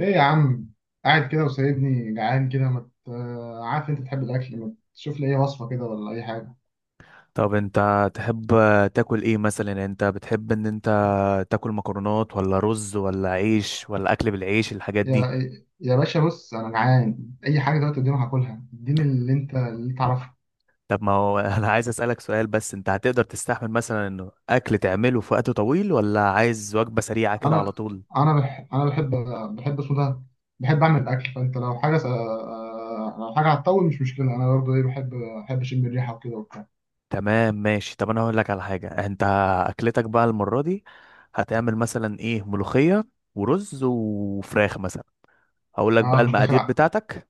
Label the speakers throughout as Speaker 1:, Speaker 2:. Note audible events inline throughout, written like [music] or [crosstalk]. Speaker 1: ايه يا عم، قاعد كده وسايبني جعان كده ما عارف انت تحب الاكل، ما تشوف لي اي وصفه كده ولا اي حاجه؟
Speaker 2: طب انت تحب تاكل ايه مثلا؟ يعني انت بتحب ان انت تاكل مكرونات ولا رز ولا عيش ولا اكل بالعيش الحاجات دي؟
Speaker 1: يا يا باشا بص، انا جعان، اي حاجه دلوقتي قدامي هاكلها، اديني اللي تعرفه.
Speaker 2: طب ما هو [laughs] انا عايز اسالك سؤال، بس انت هتقدر تستحمل مثلا انه اكل تعمله في وقت طويل، ولا عايز وجبة سريعة كده على
Speaker 1: انا
Speaker 2: طول؟
Speaker 1: انا بحب اسمه ده، بحب اعمل الاكل، فانت لو لو حاجه هتطول مش مشكله، انا برضه ايه بحب، بحب اشم الريحه وكده وبتاع.
Speaker 2: تمام ماشي، طب انا هقول لك على حاجة. انت اكلتك بقى المرة دي هتعمل مثلا ايه؟ ملوخية ورز وفراخ مثلا. هقول لك بقى
Speaker 1: اه انت داخل
Speaker 2: المقادير
Speaker 1: على-
Speaker 2: بتاعتك.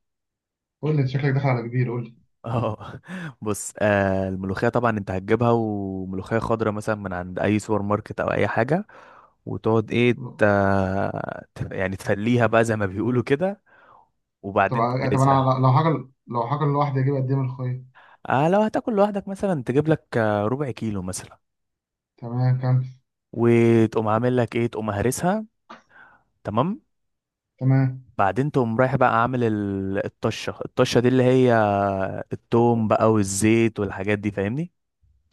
Speaker 1: قول لي، انت شكلك داخل على كبير، قول لي.
Speaker 2: اه [laughs] بص، الملوخية طبعا انت هتجيبها، وملوخية خضراء مثلا من عند اي سوبر ماركت او اي حاجة، وتقعد ايه، ت- يعني تفليها بقى زي ما بيقولوا كده،
Speaker 1: طب
Speaker 2: وبعدين
Speaker 1: طب
Speaker 2: تهرسها.
Speaker 1: انا لو حاجه لوحدي، اجيب قد ايه من الخيط؟
Speaker 2: لو هتاكل لوحدك مثلا تجيب لك ربع كيلو مثلا،
Speaker 1: تمام كمل.
Speaker 2: وتقوم عامل لك ايه، تقوم هرسها. تمام.
Speaker 1: تمام.
Speaker 2: بعدين تقوم رايح بقى عامل الطشة، الطشة دي اللي هي التوم بقى والزيت والحاجات دي، فاهمني؟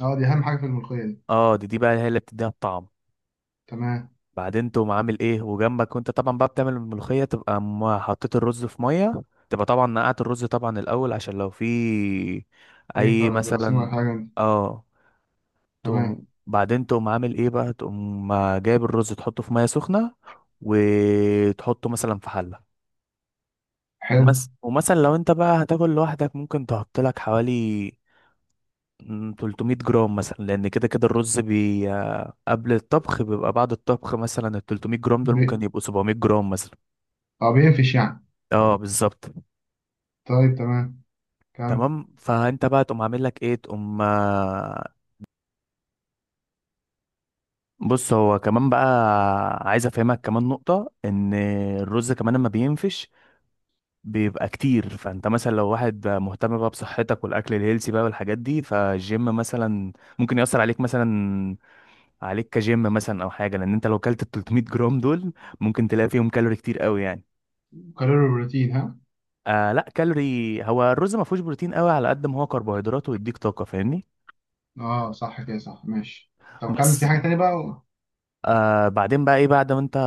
Speaker 1: اه دي اهم حاجه في الملوخيه دي.
Speaker 2: اه، دي بقى هي اللي بتديها الطعم.
Speaker 1: تمام.
Speaker 2: بعدين تقوم عامل ايه وجنبك، وانت طبعا بقى بتعمل الملوخية تبقى حطيت الرز في مية، تبقى طبعا نقعت الرز طبعا الأول عشان لو في
Speaker 1: اي
Speaker 2: أي
Speaker 1: جراثيم ولا
Speaker 2: مثلا،
Speaker 1: حاجه دي.
Speaker 2: اه،
Speaker 1: تمام.
Speaker 2: تقوم بعدين تقوم عامل ايه بقى، تقوم جايب الرز تحطه في مية سخنة، وتحطه مثلا في حلة.
Speaker 1: حلو.
Speaker 2: ومثلا لو انت بقى هتاكل لوحدك ممكن تحط لك حوالي 300 جرام مثلا، لان كده كده الرز بي... آه، قبل الطبخ بيبقى بعد الطبخ مثلا ال 300 جرام دول
Speaker 1: بي...
Speaker 2: ممكن يبقوا 700 جرام مثلا.
Speaker 1: اه بينفش يعني.
Speaker 2: اه بالظبط.
Speaker 1: طيب تمام. كم؟
Speaker 2: تمام، فانت بقى تقوم عامل لك ايه، تقوم بص، هو كمان بقى عايز افهمك كمان نقطة، ان الرز كمان لما بينفش بيبقى كتير، فانت مثلا لو واحد مهتم بقى بصحتك والاكل الهيلسي بقى والحاجات دي فالجيم مثلا، ممكن يأثر عليك مثلا، عليك كجيم مثلا او حاجة، لان انت لو كلت ال 300 جرام دول ممكن تلاقي فيهم كالوري كتير قوي يعني.
Speaker 1: كالوري بروتين ها؟
Speaker 2: لا، كالوري. هو الرز ما فيهوش بروتين قوي على قد ما هو كربوهيدرات ويديك طاقة، فاهمني؟
Speaker 1: اه صح كده، صح ماشي. طب كمل في
Speaker 2: بس.
Speaker 1: حاجه تانية بقى.
Speaker 2: بعدين بقى ايه، بعد ما انت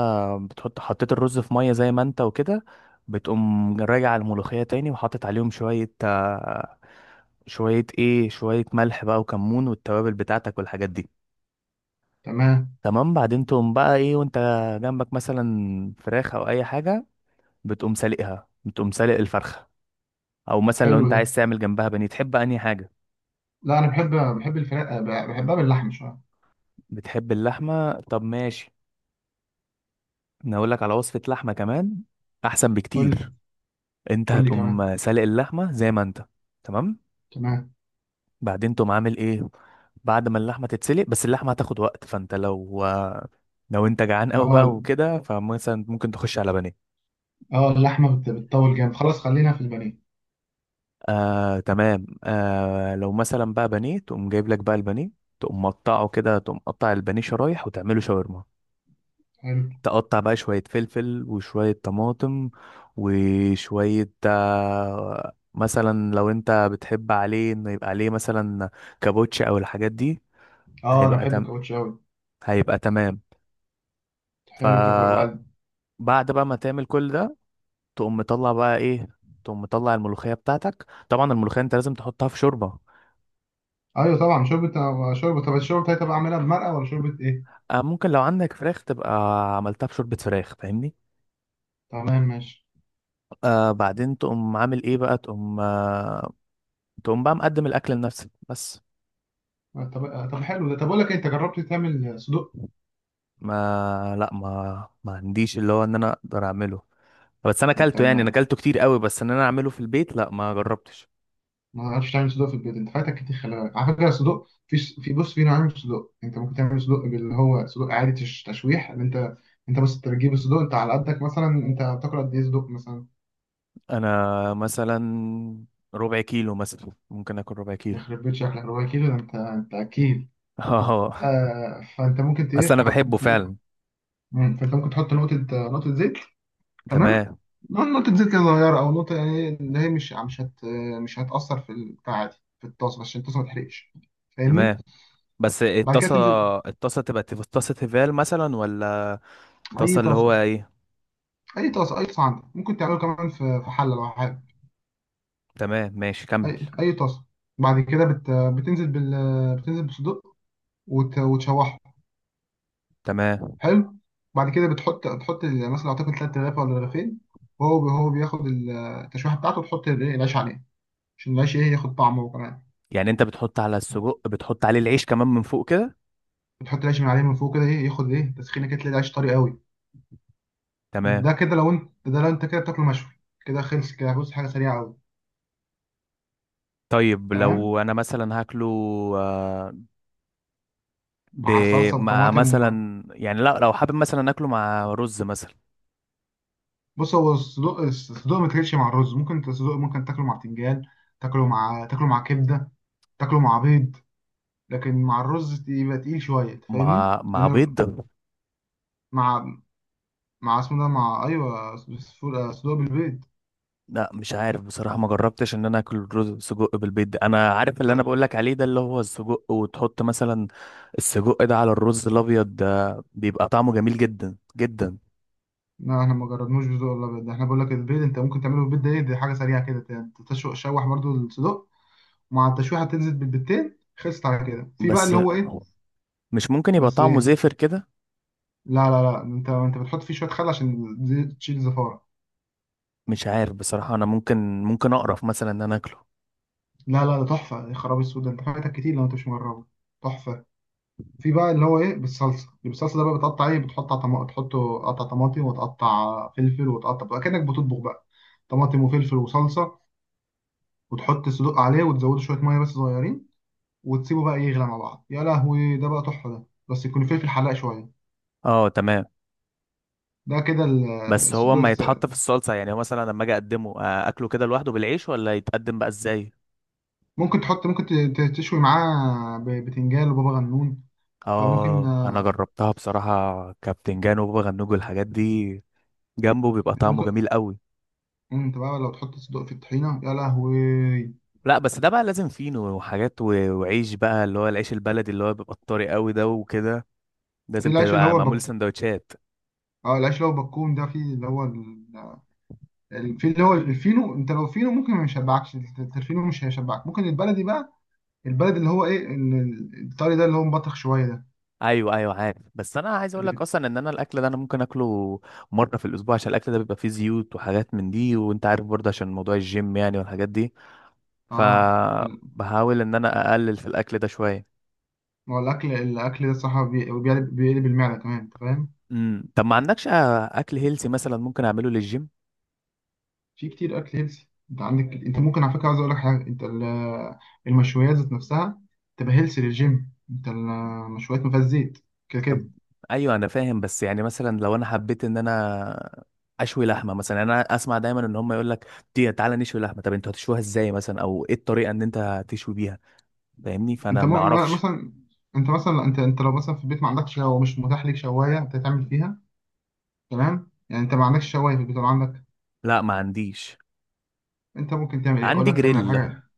Speaker 2: حطيت الرز في ميه زي ما انت وكده، بتقوم راجع الملوخيه تاني وحاطط عليهم شويه آه شويه ايه شويه ملح بقى وكمون والتوابل بتاعتك والحاجات دي.
Speaker 1: تمام.
Speaker 2: تمام. بعدين تقوم بقى ايه، وانت جنبك مثلا فراخ او اي حاجه، بتقوم سالقها، بتقوم سالق الفرخه، او مثلا لو
Speaker 1: حلو
Speaker 2: انت
Speaker 1: ده.
Speaker 2: عايز تعمل جنبها بانيه، تحب انهي حاجه؟
Speaker 1: لا انا بحب، بحب الفراخ بحبها باللحمه شويه.
Speaker 2: بتحب اللحمه؟ طب ماشي، انا اقول لك على وصفه لحمه كمان، احسن
Speaker 1: قول لي.
Speaker 2: بكتير. انت
Speaker 1: قول لي كمان.
Speaker 2: هتقوم سالق اللحمه زي ما انت. تمام.
Speaker 1: تمام.
Speaker 2: بعدين تقوم عامل ايه، بعد ما اللحمه تتسلق، بس اللحمه هتاخد وقت، فانت لو لو انت جعان قوي بقى
Speaker 1: اه
Speaker 2: وكده فمثلا ممكن تخش على بانيه.
Speaker 1: اه اللحمه بتطول جامد، خلاص خلينا في البانيه.
Speaker 2: تمام. لو مثلا بقى بانيه، تقوم جايب لك بقى البانيه، تقوم مقطعه كده، تقوم قطع البانيه شرايح، وتعمله شاورما.
Speaker 1: حلو.
Speaker 2: تقطع بقى شوية فلفل وشوية طماطم وشوية مثلا لو انت بتحب عليه انه يبقى عليه مثلا كابوتش او الحاجات دي،
Speaker 1: اه انا
Speaker 2: هيبقى
Speaker 1: بحب
Speaker 2: تم
Speaker 1: الكاوتش قوي.
Speaker 2: هيبقى تمام. ف
Speaker 1: حلو، طب وبعد؟
Speaker 2: بعد بقى ما تعمل كل ده، تقوم مطلع بقى ايه، تقوم مطلع الملوخية بتاعتك. طبعا الملوخية انت لازم تحطها في شوربة.
Speaker 1: ايوه طبعا شوربه، شوربه. طب الشوربه بتاعتي بقى اعملها بمرقه ولا شوربه ايه؟
Speaker 2: ممكن لو عندك فراخ تبقى عملتها في شوربة فراخ، فاهمني؟
Speaker 1: تمام ماشي.
Speaker 2: بعدين تقوم عامل ايه بقى، تقوم تقوم بقى مقدم الاكل لنفسك بس.
Speaker 1: طب حلو ده. طب اقول لك انت جربت تعمل صدق؟
Speaker 2: ما لا ما ما عنديش اللي هو ان انا اقدر اعمله، بس انا
Speaker 1: انت
Speaker 2: اكلته يعني، انا
Speaker 1: ما
Speaker 2: اكلته كتير قوي، بس ان انا اعمله في البيت لا ما جربتش.
Speaker 1: ما عرفتش تعمل صدق في البيت؟ انت فاتك كتير، خلي بالك على فكره صدق، في بص، في نوعين من الصدق. انت ممكن تعمل صدق اللي هو صدق عادي تشويح. اللي انت، انت بس بتجيب الصدق انت على قدك. مثلا انت بتاكل قد ايه صدق مثلا؟
Speaker 2: انا مثلا ربع كيلو مثلا ممكن اكل ربع كيلو
Speaker 1: يخرب بيت شكلك، ربع كيلو ده، انت اكيل.
Speaker 2: [laughs] اه
Speaker 1: آه فانت ممكن ت-
Speaker 2: اصل
Speaker 1: ايه
Speaker 2: انا
Speaker 1: تحط،
Speaker 2: بحبه فعلا.
Speaker 1: فانت ممكن تحط نقطه، نقطه زيت. تمام.
Speaker 2: تمام.
Speaker 1: نقول نقطة زيت كده صغيرة، أو نقطة يعني اللي هي مش هتأثر في البتاع دي، في الطاسة، عشان الطاسة ما تحرقش، فاهمني؟
Speaker 2: تمام. بس
Speaker 1: بعد كده
Speaker 2: الطاسة،
Speaker 1: تنزل.
Speaker 2: الطاسة تبقى طاسة تيفال مثلا ولا
Speaker 1: أي
Speaker 2: طاسة اللي هو
Speaker 1: طاسة.
Speaker 2: ايه؟
Speaker 1: أي طاسة، أي طاسة عندك، ممكن تعمله كمان في حلة لو حابب.
Speaker 2: تمام ماشي، كمل.
Speaker 1: أي طاسة. بعد كده بت... بتنزل بال بتنزل بصدق وتشوحه.
Speaker 2: تمام،
Speaker 1: حلو. بعد كده بتحط، مثلا أعتقد تلات رغيف ولا رغيفين، وهو بياخد التشويحة بتاعته، وتحط العيش عليه عشان العيش إيه، ياخد طعمه.
Speaker 2: يعني انت بتحط على السجق، بتحط عليه العيش كمان من فوق كده؟
Speaker 1: بتحط العيش من عليه من فوق كده، ايه ياخد ايه تسخينه، كده تلاقي العيش طري قوي.
Speaker 2: تمام.
Speaker 1: ده كده لو انت، ده لو انت كده بتاكله مشوي، كده خلص كده، بص حاجه سريعه قوي.
Speaker 2: طيب لو
Speaker 1: تمام.
Speaker 2: انا مثلا هاكله آه، ب...
Speaker 1: مع صلصه
Speaker 2: مع
Speaker 1: وطماطم.
Speaker 2: مثلا، يعني لا لو حابب مثلا اكله مع رز مثلا.
Speaker 1: بص هو الصدوق، الصدوق ما تاكلش مع الرز. ممكن انت الصدوق ممكن تاكله مع بتنجان، تاكله مع كبده، تاكله مع بيض، لكن مع الرز يبقى تقيل شويه، أنت فاهمني،
Speaker 2: مع
Speaker 1: لانه
Speaker 2: بيض؟
Speaker 1: مع مع اسمه ده، مع ايوه، صدوق، صدوق بالبيض
Speaker 2: لا مش عارف بصراحة، ما جربتش ان انا اكل رز سجق بالبيض ده. انا عارف اللي انا بقول
Speaker 1: ده.
Speaker 2: لك عليه ده اللي هو السجق، وتحط مثلا السجق ده على الرز الابيض، ده بيبقى طعمه جميل جدا جدا.
Speaker 1: لا احنا ما جربناش بصدق ولا بيض ده، احنا بقول لك البيض انت ممكن تعمله بالبيض ده، ايه دي حاجه سريعه كده، تشوح شوح برضو الصدوق مع التشويحه، تنزل بالبتين، خلصت على كده. في بقى
Speaker 2: بس
Speaker 1: اللي هو ايه؟
Speaker 2: مش ممكن يبقى
Speaker 1: بس
Speaker 2: طعمه
Speaker 1: ايه،
Speaker 2: زافر كده؟
Speaker 1: لا انت، انت بتحط فيه شويه خل عشان تشيل الزفاره.
Speaker 2: مش عارف بصراحة، انا ممكن اقرف مثلا ان انا اكله.
Speaker 1: لا لا، ده تحفه يا خرابي، السود ده انت فايتك كتير لو انت مش مجربه، تحفه. في بقى اللي هو ايه، بالصلصه، اللي بالصلصه ده بقى بتقطع ايه، بتحط طماطم، تحطه قطع طماطم، وتقطع فلفل، وتقطع بقى كانك بتطبخ بقى، طماطم وفلفل وصلصه، وتحط الصدوق عليه، وتزوده شويه ميه بس صغيرين، وتسيبه بقى يغلى مع بعض. يا لهوي ده بقى تحفه ده. بس يكون فلفل حلاق شويه.
Speaker 2: اه تمام.
Speaker 1: ده كده
Speaker 2: بس هو
Speaker 1: الصدوق،
Speaker 2: ما يتحط في الصلصة، يعني هو مثلا لما اجي اقدمه اكله كده لوحده بالعيش، ولا يتقدم بقى ازاي؟
Speaker 1: ممكن تحط، تشوي معاه بتنجان وبابا غنون، فممكن
Speaker 2: اه انا جربتها بصراحة، كابتن جان وبابا غنوج والحاجات دي جنبه، بيبقى
Speaker 1: انت
Speaker 2: طعمه
Speaker 1: ممكن،
Speaker 2: جميل قوي.
Speaker 1: انت بقى لو تحط صدق في الطحينه، يا لهوي.
Speaker 2: لا بس ده بقى لازم فينو وحاجات وعيش بقى اللي هو العيش البلدي اللي هو بيبقى الطري قوي ده وكده،
Speaker 1: في
Speaker 2: لازم
Speaker 1: العيش اللي
Speaker 2: تبقى
Speaker 1: هو
Speaker 2: معمول سندوتشات.
Speaker 1: اه العيش اللي هو بكون ده، في اللي هو في اللي هو الفينو، انت لو فينو ممكن ما يشبعكش الفينو مش هيشبعك، ممكن البلدي بقى، البلد اللي هو ايه الطري ده اللي هو مبطخ شويه ده.
Speaker 2: ايوه ايوه عارف، بس انا عايز اقول
Speaker 1: اللي
Speaker 2: لك
Speaker 1: بت...
Speaker 2: اصلا ان انا الاكل ده انا ممكن اكله مره في الاسبوع، عشان الاكل ده بيبقى فيه زيوت وحاجات من دي، وانت عارف برضه عشان موضوع الجيم يعني والحاجات دي،
Speaker 1: اه ال-
Speaker 2: فبحاول ان انا اقلل في الاكل ده شويه.
Speaker 1: ما هو الاكل، الاكل ده الصراحه بيقلب المعده كمان، انت فاهم.
Speaker 2: طب ما عندكش اكل هيلسي مثلا ممكن اعمله للجيم؟
Speaker 1: في كتير اكل هيلسي، انت عندك، انت ممكن على فكره، عايز اقول لك حاجه، انت المشويات ذات نفسها تبقى هيلسي للجيم، انت المشويات ما فيهاش زيت كده
Speaker 2: طب
Speaker 1: كده.
Speaker 2: ايوه انا فاهم، بس يعني مثلا لو انا حبيت ان انا اشوي لحمه مثلا، يعني انا اسمع دايما ان هم يقول لك دي، تعالى نشوي لحمه، طب انتوا هتشويها ازاي مثلا، او ايه الطريقه ان انت هتشوي بيها، فاهمني؟
Speaker 1: انت
Speaker 2: فانا ما اعرفش.
Speaker 1: مثلا، انت مثلا، انت لو مثلا في البيت ما عندكش، او مش متاح ليك شوايه انت تعمل فيها، تمام؟ يعني انت ما عندكش شوايه في البيت ولا عندك؟
Speaker 2: لا ما عنديش.
Speaker 1: انت ممكن تعمل ايه، اقول
Speaker 2: عندي
Speaker 1: لك تعمل على
Speaker 2: جريل.
Speaker 1: حاجه.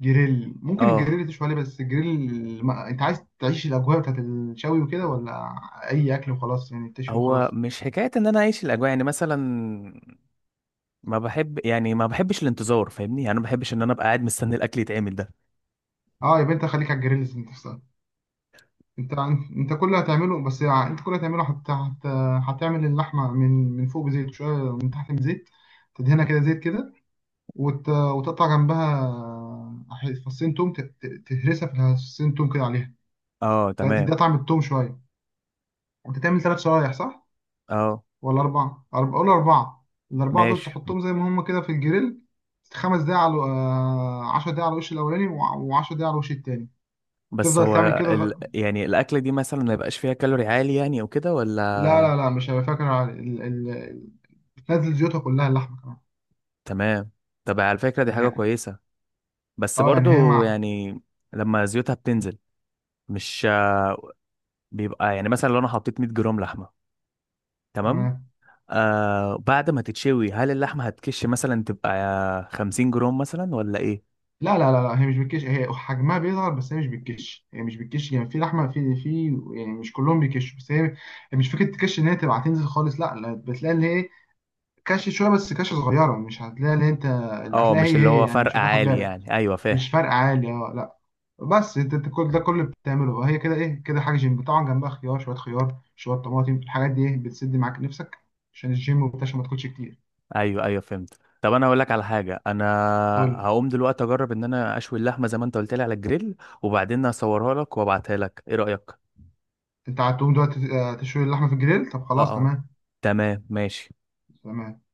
Speaker 1: جريل ممكن
Speaker 2: اه.
Speaker 1: الجريل تشوي عليه، بس الجريل ما... انت عايز تعيش الاجواء بتاعت الشوي وكده، ولا اي اكل وخلاص يعني، تشوي
Speaker 2: هو
Speaker 1: وخلاص؟
Speaker 2: مش حكايه ان انا اعيش الاجواء، يعني مثلا ما بحب، يعني ما بحبش الانتظار، فاهمني؟ يعني انا ما بحبش ان انا ابقى قاعد مستني الاكل يتعمل ده.
Speaker 1: اه يبقى انت خليك على الجريل ذات نفسها. انت، انت كل اللي هتعمله، بس يعني انت كل اللي هتعمل اللحمه من فوق بزيت شويه، من تحت بزيت، تدهنها كده زيت كده، وتقطع جنبها فصين توم، تهرسها في فصين توم كده عليها،
Speaker 2: اه
Speaker 1: تديها
Speaker 2: تمام.
Speaker 1: طعم التوم شويه. انت تعمل ثلاث شرايح، صح؟
Speaker 2: اه
Speaker 1: ولا اربعه، أربعة، قول اربعه. الاربعه دول
Speaker 2: ماشي.
Speaker 1: تحطهم زي ما هم كده في الجريل. خمس دقايق على 10 دقايق على الوش الاولاني، و10 دقايق على الوش التاني،
Speaker 2: بس
Speaker 1: تفضل
Speaker 2: هو
Speaker 1: تعمل كده.
Speaker 2: يعني الأكلة دي مثلا ما يبقاش فيها كالوري عالي يعني، أو كده
Speaker 1: لا لا
Speaker 2: ولا؟
Speaker 1: لا مش هبقى فاكر على بتنزل زيوتها كلها اللحمة كمان،
Speaker 2: تمام. طب على فكرة دي حاجة
Speaker 1: يعني.
Speaker 2: كويسة، بس
Speaker 1: اه يعني هي
Speaker 2: برضو
Speaker 1: مع،
Speaker 2: يعني لما زيوتها بتنزل، مش بيبقى يعني، مثلا لو أنا حطيت 100 جرام لحمة. تمام.
Speaker 1: تمام.
Speaker 2: آه بعد ما تتشوي، هل اللحمة هتكش مثلا تبقى 50 جرام مثلا ولا إيه؟
Speaker 1: لا هي مش بتكش، هي حجمها بيصغر بس، هي مش بتكش، هي مش بتكش يعني. في لحمة في يعني مش كلهم بيكشوا، بس هي، هي مش فكرة تكش ان هي تبقى هتنزل خالص لا لا، بتلاقي اللي هي كش شوية بس، كش صغيرة، مش هتلاقي اللي انت، اللي
Speaker 2: اه
Speaker 1: هتلاقي
Speaker 2: مش
Speaker 1: هي
Speaker 2: اللي
Speaker 1: هي
Speaker 2: هو
Speaker 1: يعني،
Speaker 2: فرق
Speaker 1: مش هتاخد
Speaker 2: عالي
Speaker 1: بالك.
Speaker 2: يعني، أيوة فاهم.
Speaker 1: مش فرق عالي اه لا. بس انت، انت كل ده كله بتعمله هي كده ايه كده، حاجه جيم طبعا، جنبها خيار شويه، خيار شويه طماطم، الحاجات دي ايه بتسد معاك نفسك عشان الجيم وبتاع، عشان ما تاكلش كتير.
Speaker 2: ايوه ايوه فهمت. طب انا اقول لك على حاجه، انا
Speaker 1: قول لي،
Speaker 2: هقوم دلوقتي اجرب ان انا اشوي اللحمه زي ما انت قلت لي على الجريل، وبعدين اصورها لك وابعتها لك، ايه رايك؟
Speaker 1: انت هتقوم دلوقتي تشوي اللحمه في الجريل؟ طب
Speaker 2: اه
Speaker 1: خلاص
Speaker 2: اه.
Speaker 1: تمام.
Speaker 2: تمام ماشي.
Speaker 1: تمام.